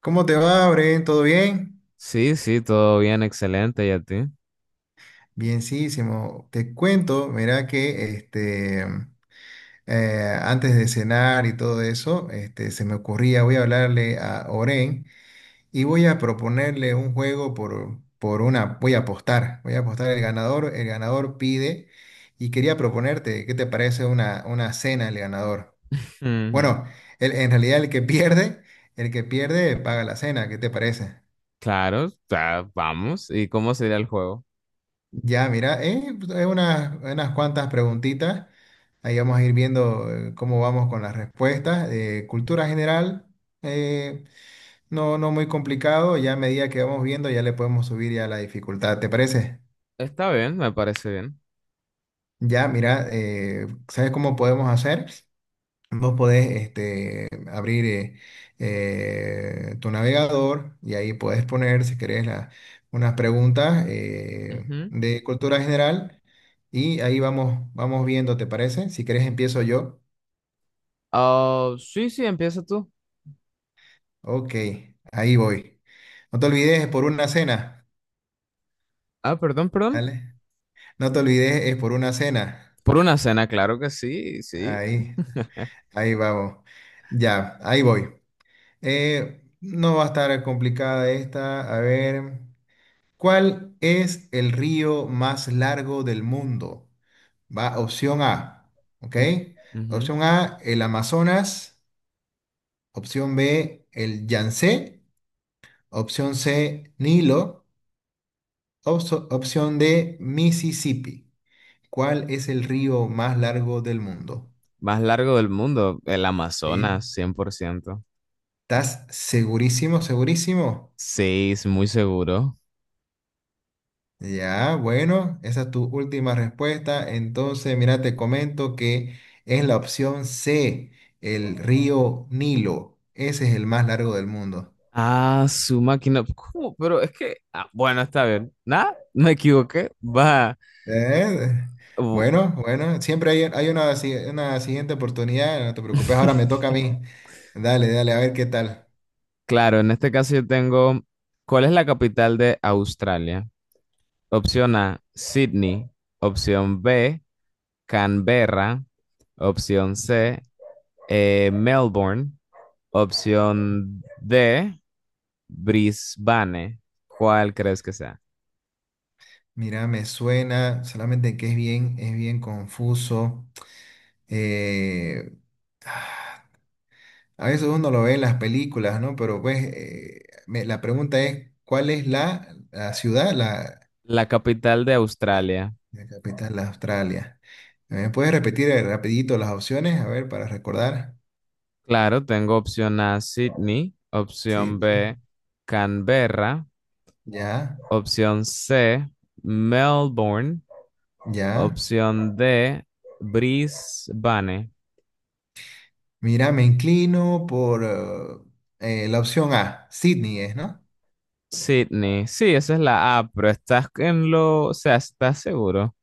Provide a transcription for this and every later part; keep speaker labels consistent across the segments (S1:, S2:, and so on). S1: ¿Cómo te va, Bren? ¿Todo bien?
S2: Sí, sí, todo bien, excelente, ¿y a ti?
S1: Bienísimo. Te cuento, mira que este, antes de cenar y todo eso, este, se me ocurría, voy a hablarle a Oren y voy a proponerle un juego por una, voy a apostar el ganador pide y quería proponerte, ¿qué te parece una cena el ganador?
S2: Ujú.
S1: Bueno, en realidad el que pierde paga la cena, ¿qué te parece?
S2: Claro, o vamos. ¿Y cómo sería el juego?
S1: Ya, mira, pues, hay unas cuantas preguntitas. Ahí vamos a ir viendo cómo vamos con las respuestas. Cultura general, eh, no muy complicado. Ya a medida que vamos viendo, ya le podemos subir ya la dificultad. ¿Te parece?
S2: Está bien, me parece bien.
S1: Ya, mira, ¿sabes cómo podemos hacer? Vos podés este, abrir tu navegador y ahí podés poner, si querés, unas preguntas
S2: Ujú.
S1: de cultura general. Y ahí vamos, vamos viendo, ¿te parece? Si querés empiezo yo.
S2: Ah, sí, sí, empieza tú.
S1: Ok, ahí voy. No te olvides, es por una cena.
S2: Ah, perdón, perdón.
S1: ¿Vale? No te olvides, es por una cena.
S2: Por una cena, claro que sí, sí.
S1: Ahí, ahí vamos. Ya, ahí voy. No va a estar complicada esta. A ver, ¿cuál es el río más largo del mundo? Va, opción A, ¿ok?
S2: Mm. Ujú.
S1: Opción A, el Amazonas. Opción B, el Yangtze. Opción C, Nilo. Opción D, Mississippi. ¿Cuál es el río más largo del mundo?
S2: Más largo del mundo, el
S1: ¿Sí?
S2: Amazonas, 100%.
S1: ¿Estás segurísimo, segurísimo?
S2: Sí, es muy seguro.
S1: Ya, bueno, esa es tu última respuesta. Entonces, mira, te comento que es la opción C, el río Nilo. Ese es el más largo del mundo.
S2: Ah, su máquina. ¿Cómo? Pero es que... ah, bueno, está bien. Nada, me equivoqué. Va.
S1: Eh,
S2: Bu-
S1: Bueno bueno, siempre hay una, una siguiente oportunidad, no te preocupes, ahora me toca a mí. Dale, dale, a ver qué tal.
S2: Claro, en este caso yo tengo, ¿cuál es la capital de Australia? Opción A, Sydney. Opción B, Canberra. Opción C, Melbourne. Opción D, Brisbane. ¿Cuál crees que sea?
S1: Mira, me suena, solamente que es bien confuso. Eh, a veces uno lo ve en las películas, ¿no? Pero pues la pregunta es, ¿cuál es la ciudad,
S2: La capital de
S1: la-
S2: Australia.
S1: la capital de Australia? ¿Me puedes repetir rapidito las opciones? A ver, para recordar.
S2: Claro, tengo opción A, Sydney.
S1: Sí,
S2: Opción B,
S1: sí.
S2: Canberra.
S1: Ya,
S2: Opción C, Melbourne.
S1: ya.
S2: Opción D, Brisbane.
S1: Mira, me inclino por la opción A, Sydney es, ¿no?
S2: Sydney. Sí, esa es la A, pero estás en lo, o sea, ¿estás seguro?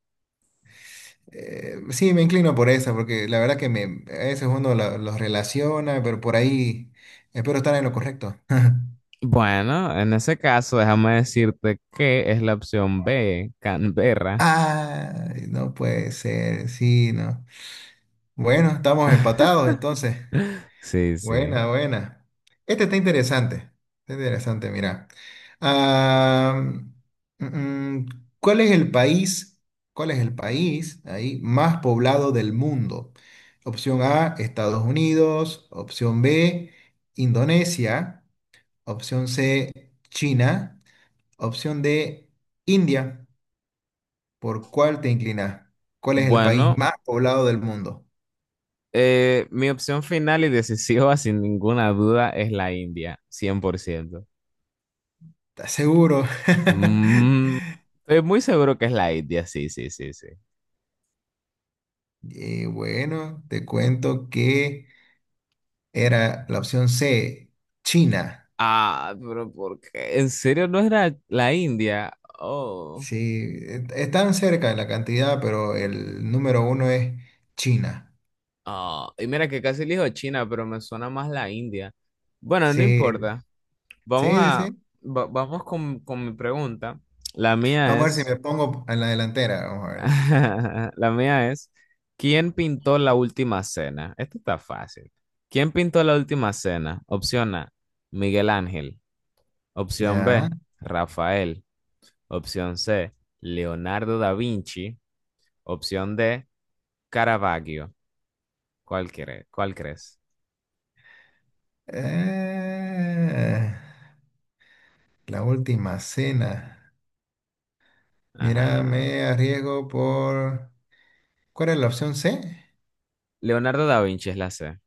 S1: Sí, me inclino por esa, porque la verdad que a veces uno los relaciona, pero por ahí espero estar en lo correcto.
S2: Bueno, en ese caso, déjame decirte que es la opción B, Canberra.
S1: Ay, no puede ser, sí, no. Bueno, estamos empatados entonces.
S2: Sí, sí.
S1: Buena, buena. Este está interesante. Está interesante, mira. Ah, mm, mm, ¿cuál es el país, cuál es el país ahí más poblado del mundo? Opción A, Estados Unidos. Opción B, Indonesia. Opción C, China. Opción D, India. ¿Por cuál te inclinas? ¿Cuál es el país
S2: Bueno,
S1: más poblado del mundo?
S2: mi opción final y decisiva, sin ninguna duda, es la India, 100%.
S1: ¿Estás seguro?
S2: Mm, estoy muy seguro que es la India, sí, sí, sí, sí.
S1: Y bueno, te cuento que era la opción C, China.
S2: Ah, pero ¿por qué? ¿En serio no era la India? Oh,
S1: Sí, están cerca en la cantidad, pero el número uno es China.
S2: ah, y mira que casi elijo China, pero me suena más la India. Bueno, no
S1: Sí,
S2: importa. Vamos
S1: sí, sí,
S2: a,
S1: sí.
S2: vamos con mi pregunta. La mía
S1: Vamos a ver si
S2: es,
S1: me pongo en la delantera. Vamos a ver.
S2: la mía es, ¿quién pintó la última cena? Esto está fácil. ¿Quién pintó la última cena? Opción A, Miguel Ángel. Opción
S1: Ya.
S2: B, Rafael. Opción C, Leonardo da Vinci. Opción D, Caravaggio. Cuál crees?
S1: Eh, la Última Cena. Mira,
S2: Ajá.
S1: me arriesgo por... ¿Cuál era la opción C?
S2: Leonardo da Vinci es la C.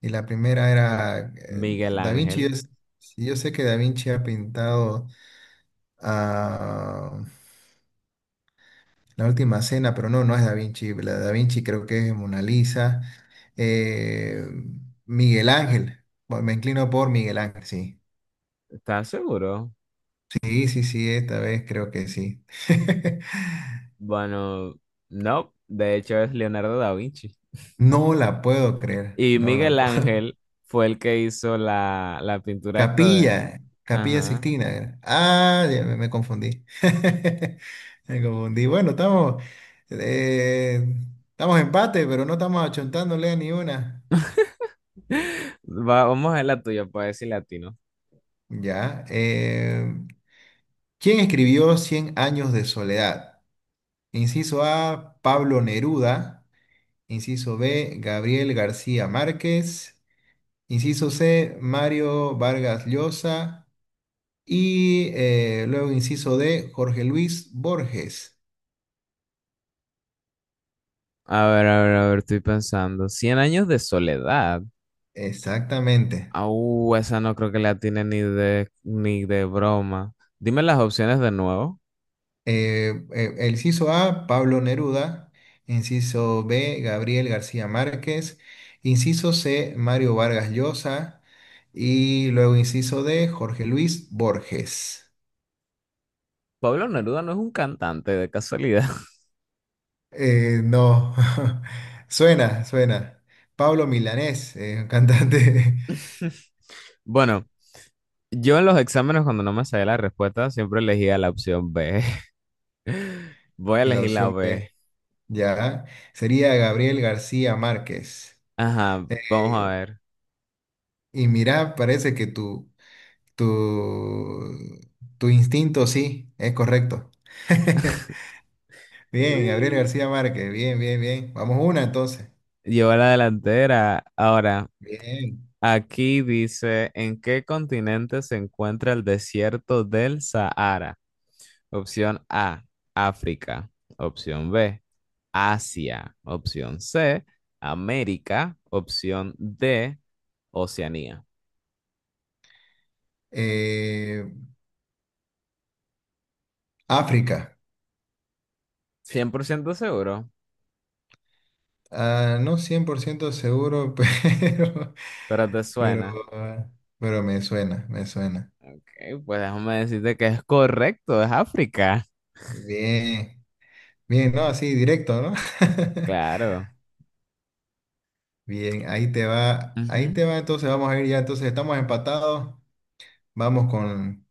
S1: Y la primera era
S2: Miguel
S1: Da Vinci.
S2: Ángel.
S1: Yo sé que Da Vinci ha pintado a La Última Cena, pero no, no es Da Vinci. La de Da Vinci creo que es Mona Lisa. Eh, Miguel Ángel. Bueno, me inclino por Miguel Ángel, sí.
S2: ¿Estás seguro?
S1: Sí, sí, sí, esta vez creo que sí.
S2: Bueno, no. De hecho, es Leonardo da Vinci.
S1: No la puedo creer,
S2: Y
S1: no la
S2: Miguel
S1: puedo.
S2: Ángel fue el que hizo la, la pintura esta de...
S1: Capilla
S2: Ajá.
S1: Sixtina era. Ah, ya me confundí. Me confundí. Bueno, eh, estamos en empate, pero no estamos achontándole a ni una.
S2: Vamos a ver la tuya, pues, decir latino.
S1: Ya. ¿Quién escribió Cien años de soledad? Inciso A, Pablo Neruda. Inciso B, Gabriel García Márquez. Inciso C, Mario Vargas Llosa. Y luego inciso D, Jorge Luis Borges.
S2: A ver, a ver, a ver, estoy pensando. Cien años de soledad.
S1: Exactamente.
S2: Ah, esa no creo que la tiene ni de, ni de broma. Dime las opciones de nuevo.
S1: El inciso A, Pablo Neruda. Inciso B, Gabriel García Márquez. Inciso C, Mario Vargas Llosa. Y luego inciso D, Jorge Luis Borges.
S2: Pablo Neruda no es un cantante de casualidad.
S1: No, suena, suena. Pablo Milanés, un cantante.
S2: Bueno, yo en los exámenes cuando no me sabía la respuesta siempre elegía la opción B. Voy a
S1: Y la
S2: elegir la
S1: opción
S2: B.
S1: B, ya, sería Gabriel García Márquez.
S2: Ajá, vamos a
S1: Eh,
S2: ver.
S1: y mira, parece que Tu, tu instinto, sí, es correcto. Bien, Gabriel
S2: Uy.
S1: García Márquez, bien, bien, bien. Vamos una entonces.
S2: Llevo la delantera. Ahora,
S1: Bien.
S2: aquí dice, ¿en qué continente se encuentra el desierto del Sahara? Opción A, África. Opción B, Asia. Opción C, América. Opción D, Oceanía.
S1: Eh, África.
S2: Cien por ciento seguro,
S1: Ah, no 100% seguro,
S2: pero te
S1: pero,
S2: suena.
S1: ah, pero me suena, me suena.
S2: Ok, pues déjame decirte que es correcto, es África.
S1: Bien, bien, no, así directo, ¿no?
S2: Claro.
S1: Bien, ahí
S2: Ujú.
S1: te va, entonces vamos a ir ya, entonces estamos empatados, vamos con,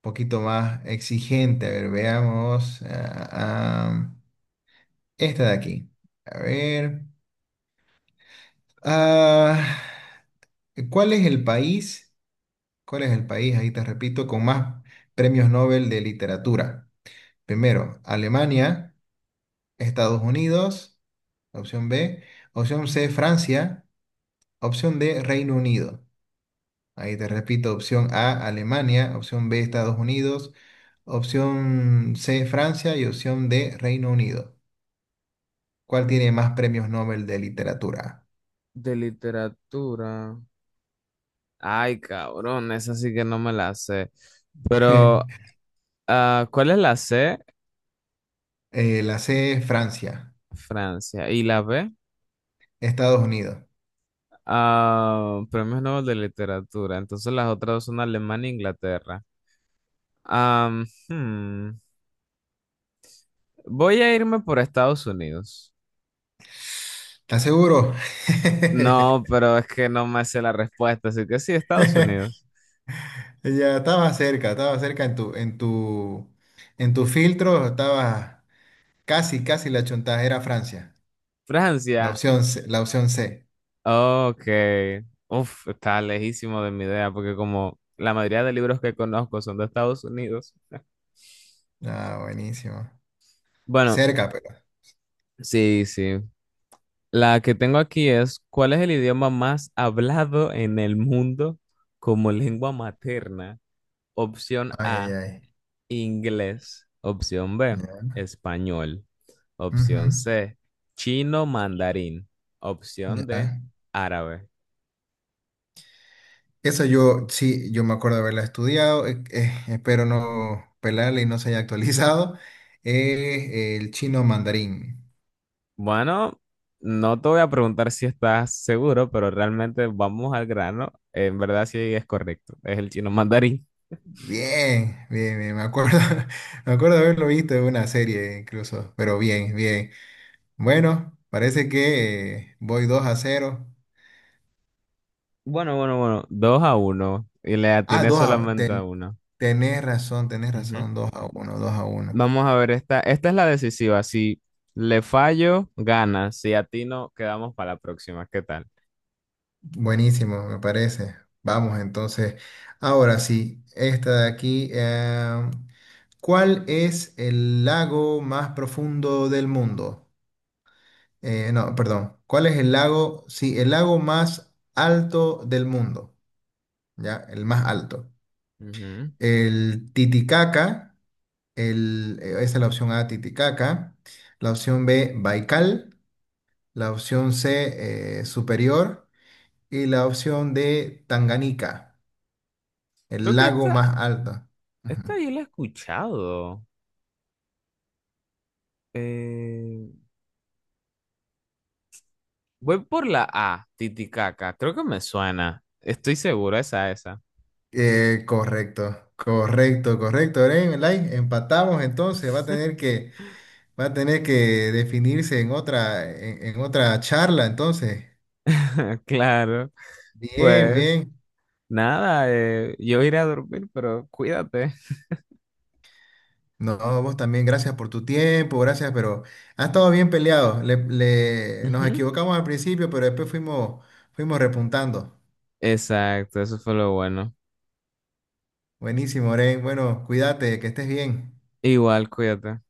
S1: poquito más exigente. A ver, veamos. Ah, esta de aquí. A ver. ah, ¿cuál es el país? ¿Cuál es el país? Ahí te repito, con más premios Nobel de literatura. Primero, Alemania, Estados Unidos, opción B. Opción C, Francia. Opción D, Reino Unido. Ahí te repito, opción A, Alemania, opción B, Estados Unidos, opción C, Francia y opción D, Reino Unido. ¿Cuál tiene más premios Nobel de literatura?
S2: De literatura. Ay, cabrón, esa sí que no me la sé. Pero, ah, ¿cuál es la C?
S1: La C, Francia,
S2: Francia. ¿Y la B?
S1: Estados Unidos.
S2: Ah, premios Nobel de literatura. Entonces las otras dos son Alemania e Inglaterra. Am, hmm, Voy a irme por Estados Unidos.
S1: ¿Estás seguro?
S2: No, pero es que no me sé la respuesta, así que sí, Estados Unidos.
S1: Ya estaba cerca en tu filtro, estaba casi, casi la chontaja, era Francia.
S2: Francia,
S1: La opción C.
S2: ok. Uf, está lejísimo de mi idea, porque como la mayoría de libros que conozco son de Estados Unidos.
S1: Ah, buenísimo.
S2: Bueno,
S1: Cerca, pero.
S2: sí, sí. La que tengo aquí es, ¿cuál es el idioma más hablado en el mundo como lengua materna? Opción
S1: Ay, ay,
S2: A,
S1: ay.
S2: inglés. Opción B,
S1: Ya.
S2: español.
S1: Ujú,
S2: Opción C, chino mandarín. Opción D,
S1: ya.
S2: árabe.
S1: Esa yo, sí, yo me acuerdo de haberla estudiado, espero no pelarla y no se haya actualizado. El chino mandarín.
S2: Bueno, no te voy a preguntar si estás seguro, pero realmente vamos al grano. En verdad sí es correcto. Es el chino mandarín.
S1: Bien, bien, bien, me acuerdo, me acuerdo de haberlo visto en una serie incluso, pero bien, bien. Bueno, parece que voy 2-0.
S2: Bueno, bueno, bueno. Dos a uno. Y le
S1: Ah,
S2: atiné solamente a uno.
S1: tenés
S2: Ujú.
S1: razón, 2-1 2-1.
S2: Vamos a ver esta. Esta es la decisiva. Si le fallo, gana. Si atino, quedamos para la próxima. ¿Qué tal?
S1: Buenísimo, me parece. Vamos entonces. Ahora sí, esta de aquí. ¿Cuál es el lago más profundo del mundo? No, perdón. ¿Cuál es el lago? Sí, el lago más alto del mundo. Ya, el más alto.
S2: Ujú.
S1: El Titicaca. Esa es la opción A, Titicaca. La opción B, Baikal. La opción C, Superior. Y la opción D, Tanganica.
S2: Creo
S1: El
S2: que
S1: lago
S2: esta,
S1: más alto. Ujú.
S2: esta yo la he escuchado. Eh, voy por la A, Titicaca. Creo que me suena. Estoy seguro, esa, esa.
S1: Correcto, correcto, correcto. Oren, like, empatamos entonces. Va a tener que definirse en otra charla entonces.
S2: Claro.
S1: Bien,
S2: Pues
S1: bien.
S2: nada, yo iré a dormir, pero cuídate.
S1: No, vos también, gracias por tu tiempo, gracias, pero ha estado bien peleado. Nos
S2: Ujú.
S1: equivocamos al principio, pero después fuimos, repuntando.
S2: Exacto, eso fue lo bueno.
S1: Buenísimo, Oren. Bueno, cuídate, que estés bien.
S2: Igual, cuídate.